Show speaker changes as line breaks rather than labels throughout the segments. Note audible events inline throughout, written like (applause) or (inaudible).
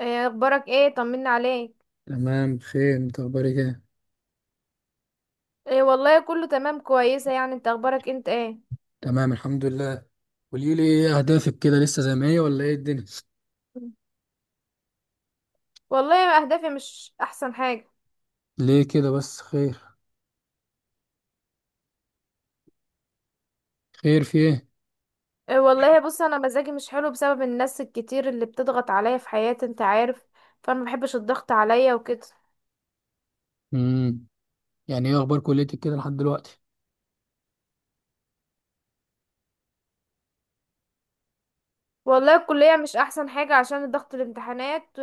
ايه اخبارك؟ ايه طمنا عليك.
تمام، بخير. انت اخبارك ايه؟
ايه والله كله تمام كويسه، يعني انت اخبارك انت ايه؟
تمام الحمد لله. قولي لي ايه اهدافك كده، لسه زي ما هي ولا ايه الدنيا؟
والله اهدافي مش احسن حاجه.
(laughs) ليه كده بس، خير؟ خير في ايه؟
إيه والله بص، انا مزاجي مش حلو بسبب الناس الكتير اللي بتضغط عليا في حياتي، انت عارف. فانا ما بحبش الضغط عليا وكده.
امم يعني ايه اخبار كليتك كده لحد دلوقتي؟
والله الكليه مش احسن حاجه عشان ضغط الامتحانات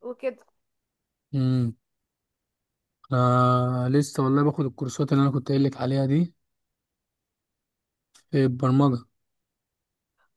وكده.
امم انا لسه والله باخد الكورسات اللي انا كنت قايل لك عليها دي في البرمجه.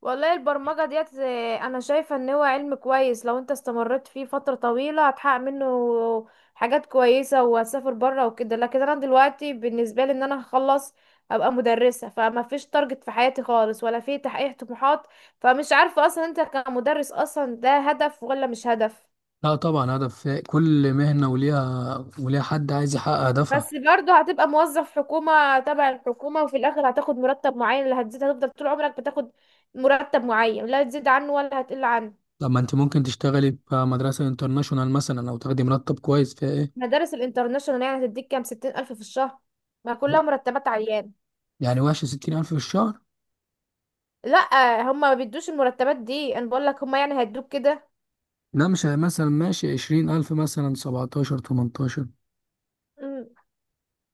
والله البرمجة ديت، انا شايفة ان هو علم كويس، لو انت استمريت فيه فترة طويلة هتحقق منه حاجات كويسة وهتسافر بره وكده. لكن انا دلوقتي بالنسبة لي ان انا هخلص ابقى مدرسة، فما فيش تارجت في حياتي خالص ولا في تحقيق طموحات. فمش عارفة اصلا انت كمدرس اصلا ده هدف ولا مش هدف.
لا طبعا هدف، في كل مهنه وليها حد عايز يحقق هدفها.
بس برضه هتبقى موظف حكومة تبع الحكومة، وفي الاخر هتاخد مرتب معين، لا هتزيد، هتفضل طول عمرك بتاخد مرتب معين، لا تزيد عنه ولا هتقل عنه.
لما انت ممكن تشتغلي في مدرسه انترناشونال مثلا او تاخدي مرتب كويس فيها، ايه
مدارس الانترناشونال يعني هتديك كام؟ 60,000 في الشهر؟ ما كلها مرتبات عيان.
يعني وحش ستين الف في الشهر؟
لا، هما ما بيدوش المرتبات دي، انا بقول لك هما يعني هيدوك كده.
لا، مش مثلا ماشي عشرين ألف، مثلا سبعتاشر تمنتاشر،
مم.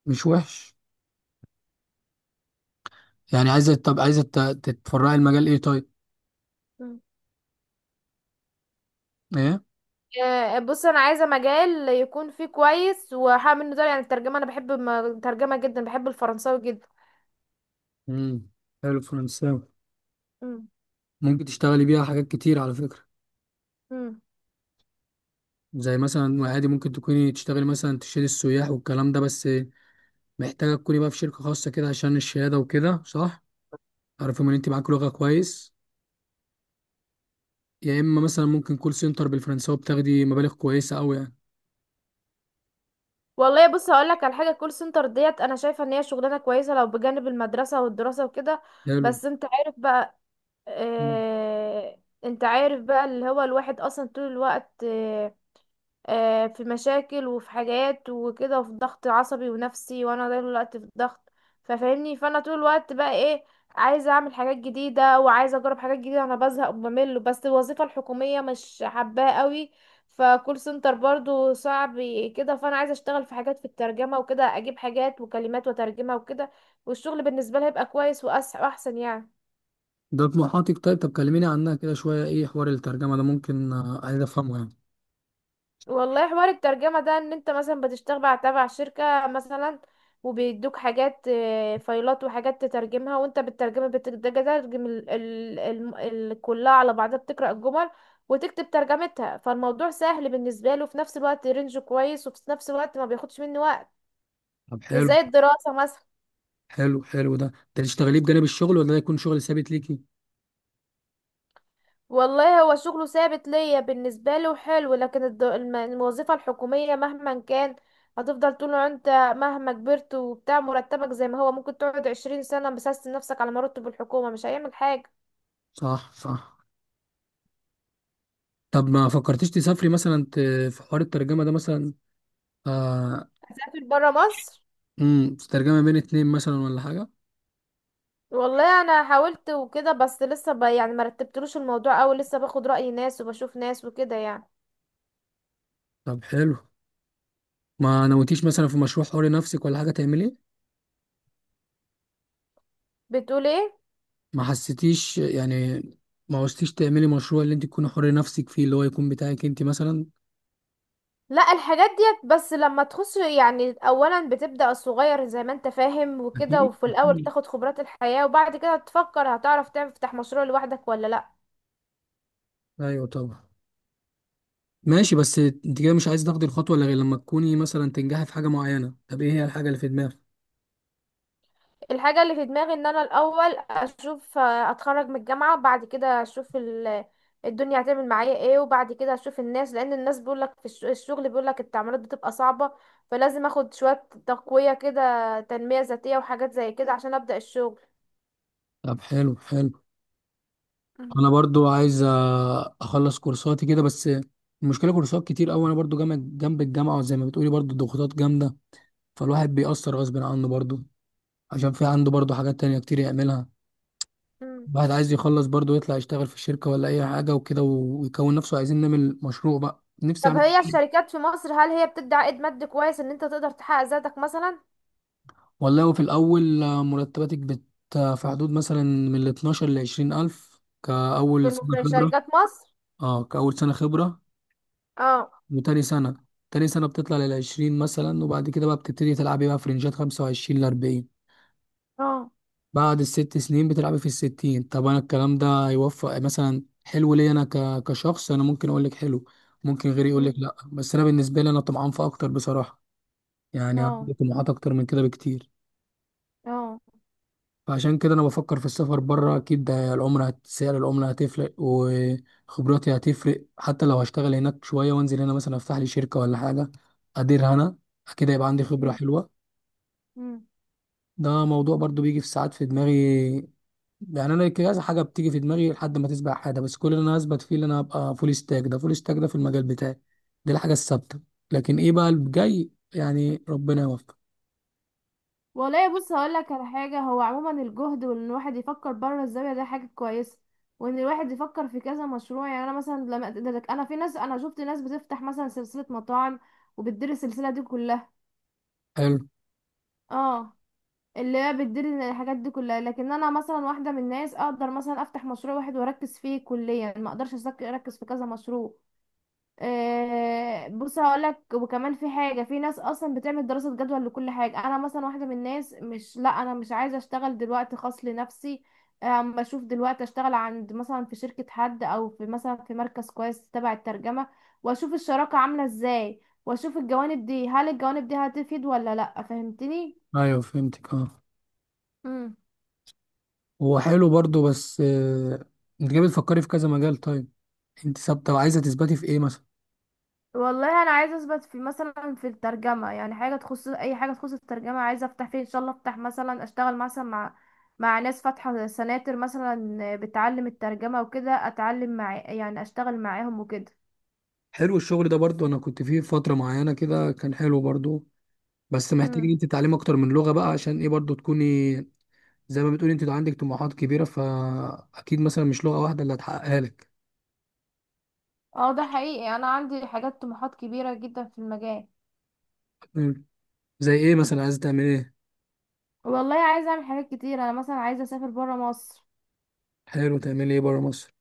مش وحش. يعني عايزة، طب عايزة تتفرعي المجال ايه طيب؟
مم.
ايه؟
آه، بص انا عايزه مجال يكون فيه كويس وهعمل له ده، يعني الترجمه، انا بحب الترجمه جدا، بحب الفرنساوي جدا.
امم حلو الفرنساوي.
مم.
ممكن تشتغلي بيها حاجات كتير على فكرة.
مم.
زي مثلا عادي ممكن تكوني تشتغلي مثلا تشيلي السياح والكلام ده، بس محتاجة تكوني بقى في شركة خاصة كده عشان الشهادة وكده، صح؟ عارفهم ان انت معاكي لغة كويس. يا اما مثلا ممكن كول سنتر بالفرنساوي، بتاخدي مبالغ كويسة أوي يعني.
والله بص هقول لك على حاجه، كول سنتر ديت انا شايفه ان هي شغلانه كويسه لو بجانب المدرسه والدراسه وكده. بس انت عارف بقى،
حلو،
آه انت عارف بقى اللي هو الواحد اصلا طول الوقت، في مشاكل وفي حاجات وكده وفي ضغط عصبي ونفسي، وانا طول الوقت في ضغط. ففاهمني، فانا طول الوقت بقى ايه، عايزه اعمل حاجات جديده وعايزه اجرب حاجات جديده، انا بزهق وبمل، بس الوظيفه الحكوميه مش حباها قوي، فكول سنتر برضو صعب كده. فانا عايزه اشتغل في حاجات في الترجمه وكده، اجيب حاجات وكلمات وترجمها وكده. والشغل بالنسبه لي هيبقى كويس واحسن يعني.
ده طموحاتك طيب. طب كلميني عنها كده شوية، ايه حوار الترجمة ده؟ ممكن آه، عايز افهمه يعني.
والله حوار الترجمة ده ان انت مثلا بتشتغل تبع شركة مثلا، وبيدوك حاجات، فايلات وحاجات تترجمها، وانت بالترجمة بتترجم ال كلها على بعضها، بتقرأ الجمل وتكتب ترجمتها. فالموضوع سهل بالنسبة له، في نفس الوقت رينج كويس، وفي نفس الوقت ما بياخدش منه وقت،
طب
مش
حلو
زي الدراسة مثلا.
حلو حلو ده، انت تشتغليه بجانب الشغل ولا ده يكون شغل ثابت ليكي؟
والله هو شغله ثابت ليا بالنسبة له حلو، لكن الوظيفة الحكومية مهما كان هتفضل طول ما انت مهما كبرت وبتاع، مرتبك زي ما هو، ممكن تقعد 20 سنة بسست نفسك على مرتب الحكومة مش هيعمل حاجة.
صح صح. طب ما فكرتيش تسافري مثلا، في حوار الترجمة ده مثلا؟ آه.
هسافر برا مصر.
ترجمة بين اتنين مثلا ولا حاجة؟
والله انا حاولت وكده بس لسه يعني مرتبتلوش الموضوع اوي، لسه باخد رأي ناس وبشوف ناس وكده يعني.
طب حلو. ما نويتيش مثلا في مشروع حر نفسك ولا حاجة تعمليه؟
بتقول ايه؟
ما حسيتيش يعني، ما عوزتيش تعملي مشروع اللي انت تكوني حر نفسك فيه، اللي هو يكون بتاعك انت مثلا؟
لا، الحاجات ديت بس لما تخش يعني اولا بتبدأ الصغير زي ما انت فاهم وكده،
أكيد،
وفي الاول
أكيد،
تاخد خبرات الحياة، وبعد كده تفكر هتعرف تفتح مشروع لوحدك ولا لا.
ايوه طبعا. ماشي، بس انت كده مش عايز تاخدي الخطوة الا غير لما تكوني مثلا تنجحي في حاجة معينة؟ طب ايه هي الحاجة اللي في دماغك؟
الحاجة اللي في دماغي ان انا الاول اشوف، آه، اتخرج من الجامعة، بعد كده اشوف الدنيا هتعمل معايا ايه، وبعد كده اشوف الناس، لان الناس بيقولك في الشغل، بيقولك التعاملات بتبقى صعبة، فلازم اخد شوية تقوية كده، تنمية ذاتية وحاجات زي كده عشان ابدأ الشغل.
طب حلو حلو. انا برضو عايز اه، اخلص كورساتي كده، بس المشكلة كورسات كتير قوي، انا برضو جنب الجامعة، وزي ما بتقولي برضو الضغوطات جامدة، فالواحد بيأثر غصب عنه برضو، عشان في عنده برضو حاجات تانية كتير يعملها.
مم.
الواحد عايز يخلص برضو، يطلع يشتغل في الشركة ولا اي حاجة وكده، ويكون نفسه، عايزين نعمل مشروع بقى، نفسي
طب
اعمل.
هي الشركات في مصر هل هي بتدي عائد مادي كويس ان انت تقدر تحقق ذاتك مثلا؟
والله وفي الأول آه، مرتباتك آه، في حدود مثلا من ال 12 ل 20 ألف كأول سنة
في
خبرة.
شركات مصر؟
اه كأول سنة خبرة.
اه.
وتاني سنة، تاني سنة بتطلع لل 20 مثلا، وبعد كده بقى بتبتدي تلعبي بقى في رينجات 25 ل 40.
اه.
بعد الست سنين بتلعبي في الستين. طب أنا الكلام ده هيوفق مثلا حلو ليا؟ أنا كشخص أنا ممكن أقول لك حلو، ممكن غيري يقول لك
أمم،
لأ، بس أنا بالنسبة لي أنا طمعان في أكتر بصراحة. يعني
اه.
عندي طموحات أكتر من كده بكتير.
اه.
فعشان كده انا بفكر في السفر بره، اكيد ده العمله سعر العمله هتفرق، وخبراتي هتفرق، حتى لو هشتغل هناك شويه وانزل هنا مثلا افتح لي شركه ولا حاجه اديرها انا، اكيد هيبقى عندي خبره
أمم.
حلوه.
أمم.
ده موضوع برضو بيجي في ساعات في دماغي. يعني انا كذا حاجه بتيجي في دماغي لحد ما تسبق حاجه، بس كل اللي انا هثبت فيه اللي انا هبقى فول ستاك ده، فول ستاك ده في المجال بتاعي، دي الحاجه الثابته. لكن ايه بقى اللي جاي، يعني ربنا يوفق.
والله بص هقول لك على حاجه، هو عموما الجهد وان الواحد يفكر بره الزاويه ده حاجه كويسه، وان الواحد يفكر في كذا مشروع. يعني انا مثلا لما انا في ناس، انا شفت ناس بتفتح مثلا سلسله مطاعم وبتدير السلسله دي كلها.
حلو،
اه، اللي هي بتدير الحاجات دي كلها. لكن انا مثلا واحده من الناس اقدر مثلا افتح مشروع واحد واركز فيه كليا، ما اقدرش اركز في كذا مشروع. آه، بص هقولك، وكمان في حاجه، في ناس اصلا بتعمل دراسه جدوى لكل حاجه، انا مثلا واحده من الناس مش لا انا مش عايزه اشتغل دلوقتي خاص لنفسي. أم بشوف دلوقتي اشتغل عند مثلا في شركه حد او في مثلا في مركز كويس تبع الترجمه، واشوف الشراكه عامله ازاي، واشوف الجوانب دي، هل الجوانب دي هتفيد ولا لا، فهمتني؟
ايوه فهمتك اه.
مم.
هو حلو برضه بس آه، انت جاي بتفكري في كذا مجال، طيب انت ثابته وعايزه تثبتي في ايه مثلا؟
والله انا عايزه اثبت في مثلا في الترجمه، يعني حاجه تخص، اي حاجه تخص الترجمه عايزه افتح فيه ان شاء الله، افتح مثلا اشتغل مثلا مع ناس فاتحه سناتر مثلا بتعلم الترجمه وكده، اتعلم مع يعني اشتغل معاهم وكده.
حلو، الشغل ده برضه انا كنت فيه فتره معينه كده، كان حلو برضه، بس محتاجه ان
امم.
انت تتعلمي اكتر من لغه بقى، عشان ايه برضه تكوني، زي ما بتقولي انت عندك طموحات كبيره، فاكيد مثلا مش لغه واحده اللي هتحققها لك.
اه ده حقيقي، انا عندي حاجات طموحات كبيرة جدا في المجال.
مم. زي ايه مثلا، عايزه تعملي ايه؟
والله عايزه اعمل حاجات كتير، انا مثلا عايزه اسافر بره مصر.
حلو، تعملي ايه بره مصر؟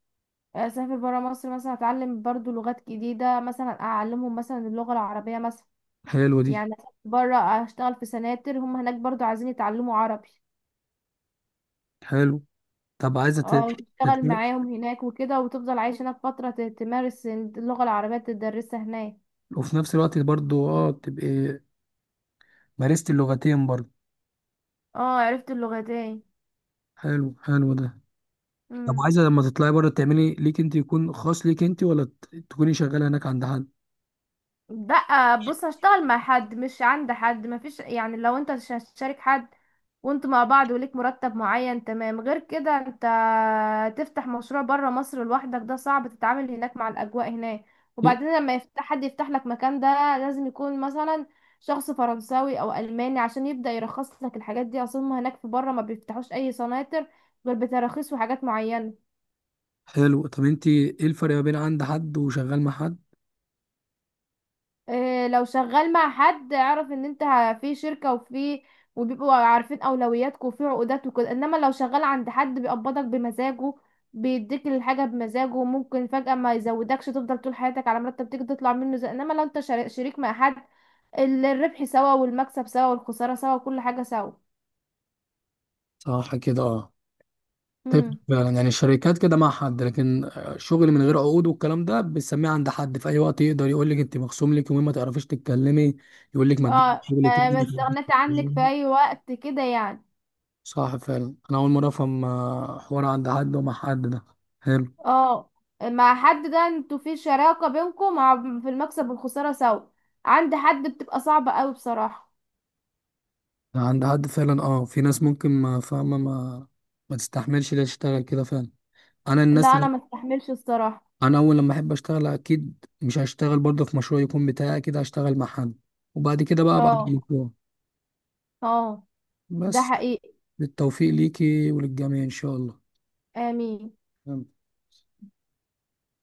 اسافر بره مصر مثلا اتعلم برضو لغات جديده، مثلا اعلمهم مثلا اللغه العربيه مثلا.
حلو دي.
يعني أسافر بره اشتغل في سناتر، هم هناك برضو عايزين يتعلموا عربي.
حلو. طب عايزه
اه تشتغل
تت...
معاهم هناك وكده وتفضل عايش هناك فترة تمارس اللغة العربية تدرسها هناك.
وفي نفس الوقت برضه اه تبقي مارستي اللغتين برضه.
اه عرفت اللغتين.
حلو حلو ده. طب
مم.
عايزه لما تطلعي بره تعملي ليك انت، يكون خاص ليك انت، ولا تكوني شغاله هناك عند حد؟
لا بص هشتغل مع حد مش عند حد، مفيش يعني لو انت مش هتشارك حد وانتوا مع بعض وليك مرتب معين تمام. غير كده انت تفتح مشروع بره مصر لوحدك ده صعب، تتعامل هناك مع الاجواء هناك،
إيه؟
وبعدين لما يفتح حد يفتح لك مكان ده لازم يكون مثلا شخص فرنساوي او الماني عشان يبدأ يرخص لك الحاجات دي، اصلا هناك في بره ما بيفتحوش اي سناتر غير بتراخيص وحاجات معينة.
حلو. طب انت ايه الفرق ما بين عند حد وشغال مع حد؟
إيه، لو شغال مع حد اعرف ان انت في شركة وفي وبيبقوا عارفين اولوياتك وفي عقودات وكده. انما لو شغال عند حد بيقبضك بمزاجه، بيديك الحاجة بمزاجه، وممكن فجأة ما يزودكش تفضل طول حياتك على مرتب تيجي تطلع منه. زي انما لو انت شريك مع حد، الربح سوا والمكسب سوا والخسارة سوا وكل حاجة سوا.
صح كده اه. تفرق
امم.
فعلا. يعني الشركات كده مع حد، لكن آه، شغل من غير عقود والكلام ده بنسميه عند حد، في اي وقت يقدر يقول لك انت مخصوم لك يومين ما تعرفيش تتكلمي، يقول لك ما تجيبي
اه
شغل تاني
ما
ما
ما
تعرفيش
استغنيت عنك في
تتكلمي.
اي وقت كده يعني.
صح فعلا، انا اول مره افهم آه، حوار عند حد ومع حد ده. حلو.
اه مع حد ده انتوا في شراكة بينكم، مع في المكسب والخسارة سوا. عند حد بتبقى صعبة قوي بصراحة.
عند حد فعلا اه، في ناس ممكن ما فاهمه ما ما تستحملش ليه تشتغل كده فعلا. انا
لا
الناس
انا
اللي،
ما استحملش الصراحة.
انا اول لما احب اشتغل اكيد مش هشتغل برضه في مشروع يكون بتاعي، اكيد هشتغل مع حد، وبعد كده بقى ابقى طبعا
اه.
بالمشروع.
اه ده
بس
حقيقي.
بالتوفيق ليكي وللجميع ان شاء الله.
امين.
تمام.